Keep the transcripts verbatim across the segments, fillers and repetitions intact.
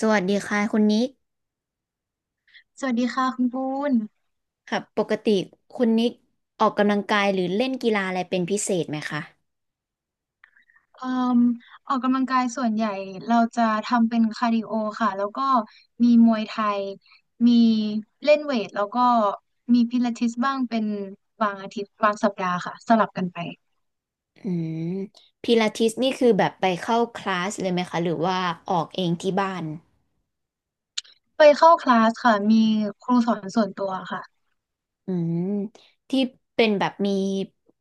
สวัสดีค่ะคุณนิกสวัสดีค่ะคุณปูนค่ะปกติคุณนิกออกกำลังกายหรือเล่นกีฬาอะไรเป็นพิเศษไหมคะเอ่มออกกำลังกายส่วนใหญ่เราจะทำเป็นคาร์ดิโอค่ะแล้วก็มีมวยไทยมีเล่นเวทแล้วก็มีพิลาทิสบ้างเป็นบางอาทิตย์บางสัปดาห์ค่ะสลับกันไปอืมพิลาทิสนี่คือแบบไปเข้าคลาสเลยไหมคะหรือว่าออกเองที่บ้านไปเข้าคลาสค่ะมีครูสอนส่วนตัวค่ะอืมที่เป็นแบบมี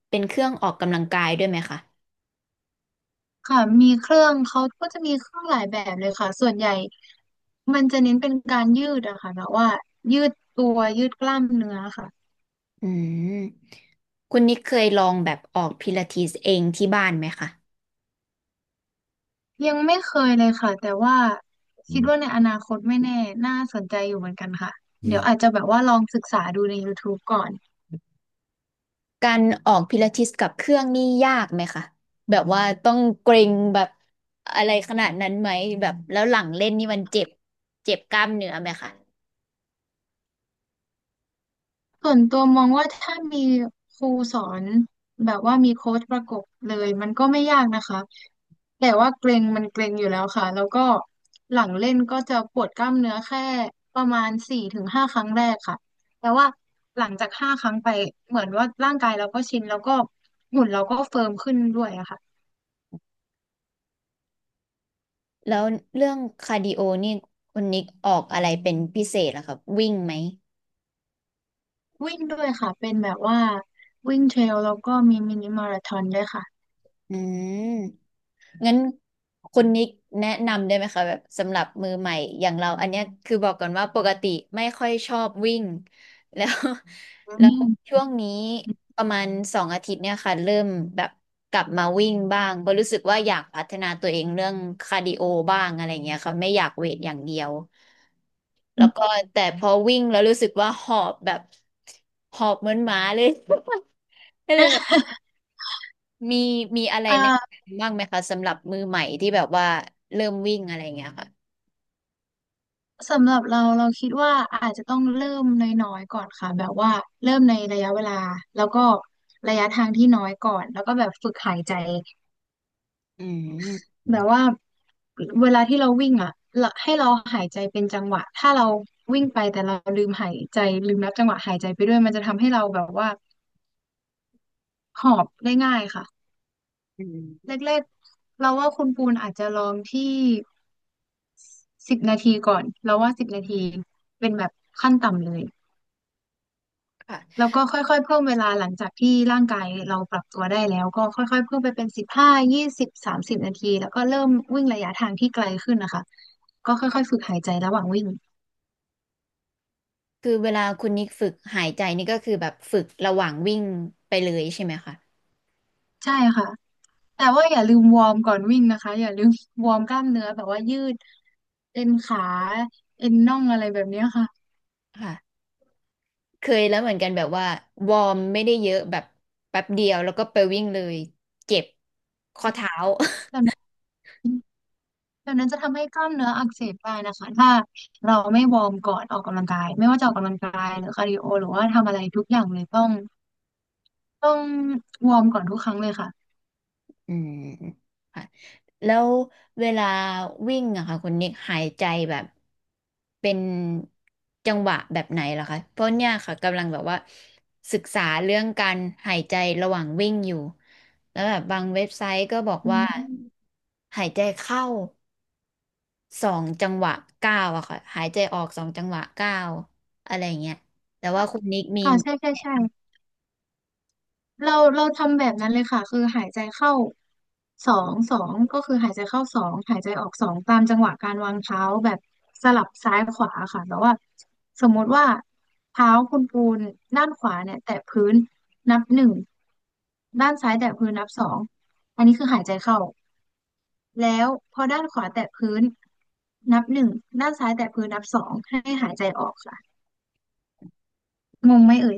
เป็นเครื่องออกกำลังกายด้วยไหมคะค่ะมีเครื่องเขาก็จะมีเครื่องหลายแบบเลยค่ะส่วนใหญ่มันจะเน้นเป็นการยืดอะค่ะแบบว่ายืดตัวยืดกล้ามเนื้อค่ะ อืมคุณนิกเคยลองแบบออกพิลาทิสเองที่บ้านไหมคะยังไม่เคยเลยค่ะแต่ว่าอืคิดว่าม ในอนาคตไม่แน่น่าสนใจอยู่เหมือนกันค่ะเดี๋ยวอาจจะแบบว่าลองศึกษาดูใน YouTube ก่อนการออกพิลาทิสกับเครื่องนี่ยากไหมคะแบบว่าต้องเกร็งแบบอะไรขนาดนั้นไหมแบบแล้วหลังเล่นนี่มันเจ็บเจ็บกล้ามเนื้อไหมคะส่วนตัวมองว่าถ้ามีครูสอนแบบว่ามีโค้ชประกบเลยมันก็ไม่ยากนะคะแต่ว่าเกร็งมันเกร็งอยู่แล้วค่ะแล้วก็หลังเล่นก็จะปวดกล้ามเนื้อแค่ประมาณสี่ถึงห้าครั้งแรกค่ะแต่ว่าหลังจากห้าครั้งไปเหมือนว่าร่างกายเราก็ชินแล้วก็หุ่นเราก็เฟิร์มขึ้นด้วยอะค่ะ แล้วเรื่องคาร์ดิโอนี่คุณนิกออกอะไรเป็นพิเศษเหรอครับวิ่งไหมวิ่งด้วยค่ะเป็นแบบว่าวิ่งเทรลแล้วก็มีมินิมาราธอนด้วยค่ะอืม งั้นคุณนิกแนะนำได้ไหมคะแบบสำหรับมือใหม่อย่างเราอันเนี้ยคือบอกก่อนว่าปกติไม่ค่อยชอบวิ่ง แล้ว อื แล้วม ช่วงนี้ประมาณสองอาทิตย์เนี่ยค่ะเริ่มแบบกลับมาวิ่งบ้างเพราะรู้สึกว่าอยากพัฒนาตัวเองเรื่องคาร์ดิโอบ้างอะไรเงี้ยค่ะไม่อยากเวทอย่างเดียว อืแล้วม ก็แต่พอวิ่งแล้วรู้สึกว่าหอบแบบหอบเหมือนหมาเลย ก็เลยแบ มีมีอะไรอ่าแนะนำบ้างไหมคะสำหรับมือใหม่ที่แบบว่าเริ่มวิ่งอะไรเงี้ยค่ะสำหรับเราเราคิดว่าอาจจะต้องเริ่มน้อยๆก่อนค่ะแบบว่าเริ่มในระยะเวลาแล้วก็ระยะทางที่น้อยก่อนแล้วก็แบบฝึกหายใจอืมแบบว่าเวลาที่เราวิ่งอ่ะเราให้เราหายใจเป็นจังหวะถ้าเราวิ่งไปแต่เราลืมหายใจลืมนับจังหวะหายใจไปด้วยมันจะทำให้เราแบบว่าหอบได้ง่ายค่ะ อืมแรกๆเราว่าคุณปูนอาจจะลองที่สิบนาทีก่อน เราว่าสิบนาทีเป็นแบบขั้นต่ำเลยค่ะแล้วก็ค่อยๆเพิ่มเวลาหลังจากที่ร่างกายเราปรับตัวได้แล้วก็ค่อยๆเพิ่มไปเป็นสิบห้ายี่สิบสามสิบนาทีแล้วก็เริ่มวิ่งระยะทางที่ไกลขึ้นนะคะคือเวลาคุณนิกฝึกหายใจนี่ก็คือแบบฝึกระหว่างวิ่งไปเลยใช่ไหมคะใช่ค่ะแต่ว่าอย่าลืมวอร์มก่อนวิ่งนะคะอย่าลืม วอร์มกล้ามเนื้อแบบว่ายืดเอ็นขาเอ็นน่องอะไรแบบเนี้ยค่ะค่ะเคยแล้วเหมือนกันแบบว่าวอร์มไม่ได้เยอะแบบแป๊บเดียวแล้วก็ไปวิ่งเลยเจ็บข้อเท้า แบบนั้น ดังนั้นจะทำให้กล้ามเนื้ออักเสบได้นะคะถ้าเราไม่วอร์มก่อนออกกำลังกายไม่ว่าจะออกกำลังกายหรือคาร์ดิโอหรือว่าทำอะไรทุกอย่างเลยต้องต้องวอร์มก่อนทุกครั้งเลยค่ะอืมค่ะแล้วเวลาวิ่งอะค่ะคุณนิกหายใจแบบเป็นจังหวะแบบไหนเหรอคะเพราะเนี่ยค่ะกำลังแบบว่าศึกษาเรื่องการหายใจระหว่างวิ่งอยู่แล้วแบบบางเว็บไซต์ก็บอกอืว่ามหายใจเข้าสองจังหวะเก้าวอะค่ะหายใจออกสองจังหวะเก้าวอะไรเงี้ยแต่ว่าคุณนิกมีค่ะใช่ใช่แนะใช่ นเราเราทำแบบนั้นเลยค่ะคือหายใจเข้าสองสองก็คือหายใจเข้าสองหายใจออกสองตามจังหวะการวางเท้าแบบสลับซ้ายขวาค่ะแต่ว่าสมมุติว่าเท้าคุณปูนด้านขวาเนี่ยแตะพื้นนับหนึ่งด้านซ้ายแตะพื้นนับสองอันนี้คือหายใจเข้าแล้วพอด้านขวาแตะพื้นนับหนึ่งด้านซ้ายแตะพื้นนับสองให้หายใจออกค่ะงงไหมเอ่ย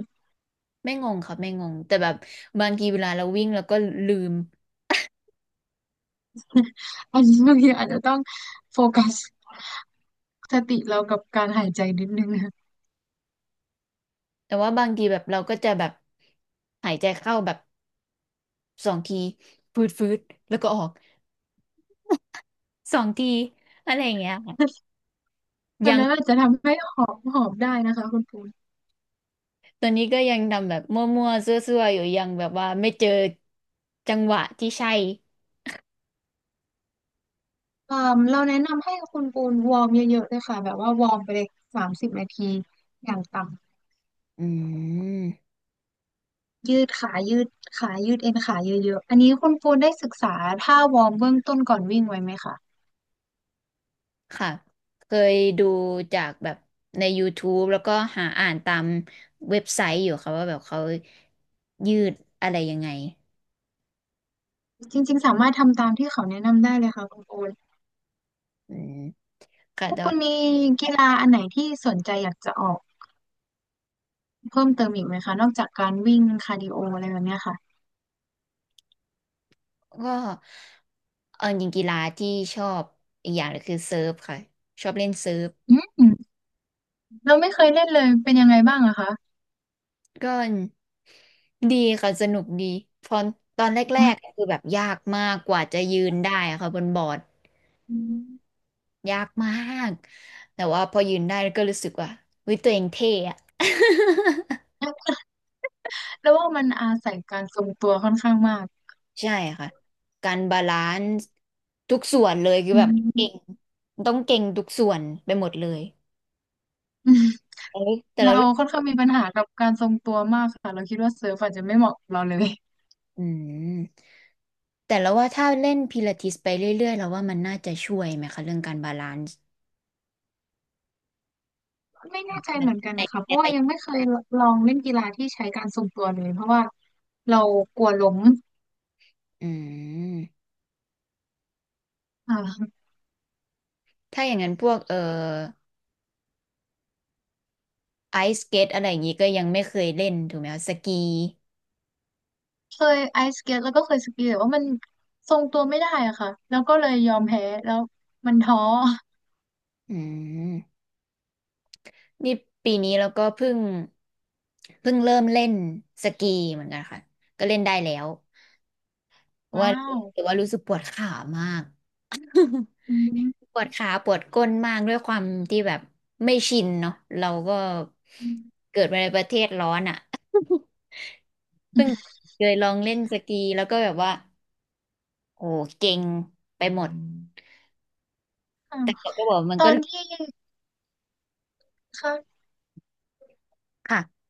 ำไม่งงค่ะไม่งงแต่แบบบางทีเวลาเราวิ่งเราก็ลืม อันนี้ บางทีอาจจะต้องโฟกัส สติเรากับการหายใจนิดนึงนะ แต่ว่าบางทีแบบเราก็จะแบบหายใจเข้าแบบสองทีฟืดฟืดแล้วก็ออกสองทีอะไรอย่างเงี้ยค่ะ แบบยังนั้นอาจจะทำให้หอบหอบได้นะคะคุณปูนตอนนี้ก็ยังทำแบบมั่วๆซั่วๆอยู่ยังแบบว่าไม่เจอจังหวะที่ใช่เอ่มเราแนะนำให้คุณปูนวอร์มเยอะๆเลยค่ะแบบว่าวอร์มไปเลยสามสิบนาทีอย่างต่ำ อืมยืดขายืดขายืดเอ็นขาเยอะๆอันนี้คุณปูนได้ศึกษาท่าวอร์มเบื้องต้นก่อนวิ่งไว้ไหมคะ ค่ะเคยดูจากแบบใน ยูทูบ แล้วก็หาอ่านตามเว็บไซต์อยู่ค่ะว่าแบบเขายืดอะไรยังไงจริงๆสามารถทำตามที่เขาแนะนำได้เลยค่ะคุณปูนอืมค่ะพวกแต่ คุณมีกีฬาอันไหนที่สนใจอยากจะออกเพิ่มเติมอีกไหมคะนอกจากการวิ่งคาร์ดิโออะไรแบบเนี้ยค่ะก็เออจริงกีฬาที่ชอบอีกอย่างหนึ่งคือเซิร์ฟค่ะชอบเล่นเซิร์ฟอืม เราไม่เคยเล่นเลยเป็นยังไงบ้างอะคะก็ดีค่ะสนุกดีพอตอนแรกๆคือแบบยากมากกว่าจะยืนได้อะค่ะบนบอร์ดอืม ยากมากแต่ว่าพอยืนได้ก็รู้สึกว่าเฮ้ยตัวเองเท่อะ แล้วว่ามันอาศัยการทรงตัวค่อนข้างมากใช่ค่ะการบาลานซ์ทุกส่วนเลยคืออืแบบเก่งมต้องเก่งทุกส่วนไปหมดเลยอืมเอ้ยแต่เราละ ค่อนข้างมีปัญหากับการทรงตัวมากค่ะเราคิดว่าเซิร์ฟอาจจะไม่เหมาะกับเราเลยอืมแต่แล้วว่าถ้าเล่นพิลาทิสไปเรื่อยๆแล้วว่ามันน่าจะช่วยไหมคะเรื่องการบาลานซ์ไม่แน่ใจเหมือนกันในในนะคะระเพราะว่ายังยะไม่เคยลองเล่นกีฬาที่ใช้การทรงตัวเลยเพราะว่าเรากลัวล้มอืมอ่าถ้าอย่างนั้นพวกเอ่อไอสเกตอะไรอย่างนี้ก็ยังไม่เคยเล่นถูกไหมคะสกีเคยไอสเก็ตแล้วก็เคยสกีแต่ว่ามันทรงตัวไม่ได้อะค่ะแล้วก็เลยยอมแพ้แล้วมันท้ออืมนี่ปีนี้เราก็เพิ่งเพิ่งเริ่มเล่นสกีเหมือนกันค่ะก็เล่นได้แล้วว้าว่าวแต่ว่ารู้สึกปวดขามาก อืม ปวดขาปวดก้นมากด้วยความที่แบบไม่ชินเนาะเราก็อมเกิดมาในประเทศร้อนอ่ะ เพิ่งเคยลองเล่นสกีแล้วก็แบบว่าโอ้เก่งไปหมดค่ะแต่เราก็บอกมันตอก็นที่ ค่ะค่ะ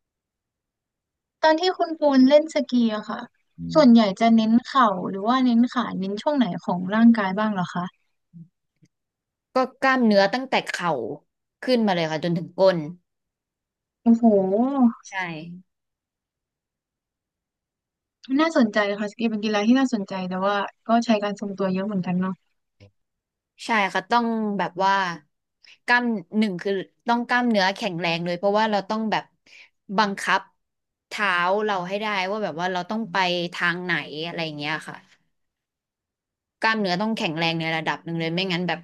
ตอนที่คุณปูนเล่นสกีอะค่ะส่วนใหญ่จะเน้นเข่าหรือว่าเน้นขาเน้นช่วงไหนของร่างกายบ้างเหรอคะก็กล้ามเนื้อตั้งแต่เข่าขึ้นมาเลยค่ะจนถึงก้นโอ้โหใช่ น่าสนใจค่ะสกีเป็นกีฬาที่น่าสนใจแต่ว่าก็ใช้การทรงตัวเยอะเหมือนกันเนาะใช่ค่ะต้องแบบว่ากล้ามหนึ่งคือต้องกล้ามเนื้อแข็งแรงเลยเพราะว่าเราต้องแบบบังคับเท้าเราให้ได้ว่าแบบว่าเราต้องไปทางไหนอะไรอย่างเงี้ยค่ะกล้ามเนื้อต้องแข็งแรงในระดับหนึ่งเลยไม่งั้นแบบ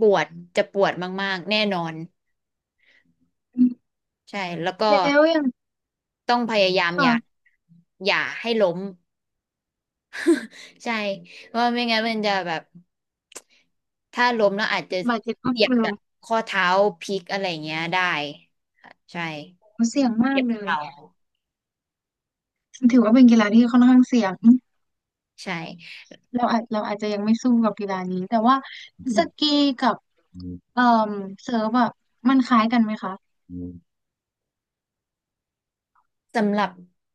ปวดจะปวดมากๆแน่นอนอืมใช่แล้วก็แล้วอย่างต้องพยายามอย่าค่ะอย่าให้ล้ม ใช่เพราะไม่งั้นมันจะแบบถ้าล้มแล้วอาจจะบาดเจ็บข้อเจ็บเสื่าแบบข้อเท้าพลิกอะไรเงี้ยได้ค่ะใช่เสี่ยงมากเจ็บเลยเข่าถือว่าเป็นกีฬาที่ค่อนข้างเสี่ยงใช่เราอาจเราอาจจะยังไม่สู้กับกีฬานี้แต่ว่าอืสมกีกับเอ่อเซิร์ฟอะมันคล้ายกันไหมคะสำหรับ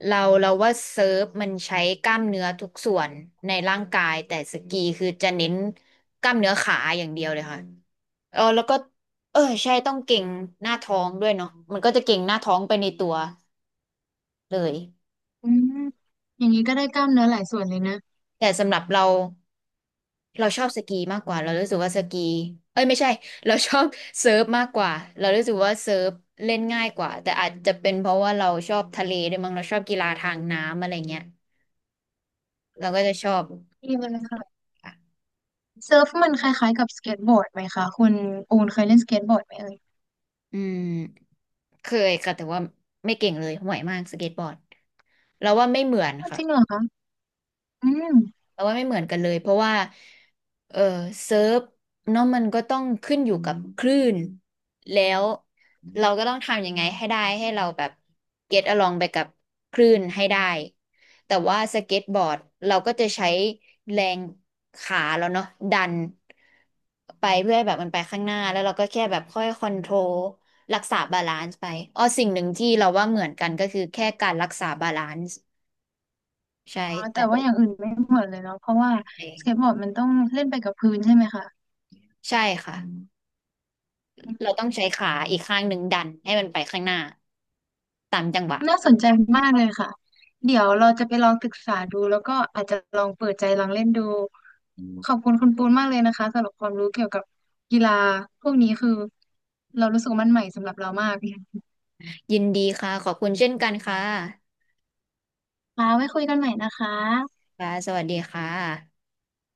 เราเราว่าเซิร์ฟมันใช้กล้ามเนื้อทุกส่วนในร่างกายแต่สกีคือจะเน้นกล้ามเนื้อขาอย่างเดียวเลยค่ะเออแล้วก็เออใช่ต้องเก่งหน้าท้องด้วยเนาะมันก็จะเก่งหน้าท้องไปในตัวเลยอืมอย่างนี้ก็ได้กล้ามเนื้อหลายส่วนเลยนะแต่สำหรับเรา เราชอบสกีมากกว่าเรารู้สึกว่าสกีเอ้ยไม่ใช่ เราชอบเซิร์ฟมากกว่าเรารู้สึกว่าเซิร์ฟเล่นง่ายกว่าแต่อาจจะเป็นเพราะว่าเราชอบทะเลด้วยมั้งเราชอบกีฬาทางน้ำอะไรเงี้ยเราก็จะชอบดีเลยค่ะ ค่ะเซิร์ฟมันคล้ายๆกับสเก็ตบอร์ดไหมคะคุณอูนเคยเล่นสเก็ตบอร์ดไหมเอ่ยอืมเคยค่ะแต่ว่าไม่เก่งเลยห่วยมากสเก็ตบอร์ดเราว่าไม่เหมือนอ้าวจค่ะ ริงเหรอคะอืมแต่ว่าไม่เหมือนกันเลยเพราะว่าเออเซิร์ฟเนาะมันก็ต้องขึ้นอยู่กับคลื่นแล้วเราก็ต้องทำยังไงให้ได้ให้เราแบบ get along ไปกับคลื่นให้ได้แต่ว่าสเก็ตบอร์ดเราก็จะใช้แรงขาเราเนาะดันไปเพื่อให้แบบมันไปข้างหน้าแล้วเราก็แค่แบบค่อยคอนโทรลรักษาบาลานซ์ไปอ๋อสิ่งหนึ่งที่เราว่าเหมือนกันก็คือแค่การรักษาบาลานซ์ใช่อ๋อแต่แต่ว่าอย่างอื่นไม่เหมือนเลยเนาะเพราะว่าสเก็ตบอร์ดมันต้องเล่นไปกับพื้นใช่ไหมคะใช่ค่ะ อืเรามต้องใช้ขาอีกข้างหนึ่งดันให้มันไปข้างหน้าตามจังหวะน่าสนใจมากเลยค่ะเดี๋ยวเราจะไปลองศึกษาดูแล้วก็อาจจะลองเปิดใจลองเล่นดูอืมขอบคุณคุณปูนมากเลยนะคะสำหรับความรู้เกี่ยวกับกีฬาพวกนี้คือเรารู้สึกว่ามันใหม่สำหรับเรามากยินดีค่ะขอบคุณเช่นกันค่ะค่ะไว้คุยกันใหม่นะคะค่ะสวัสดีค่ะ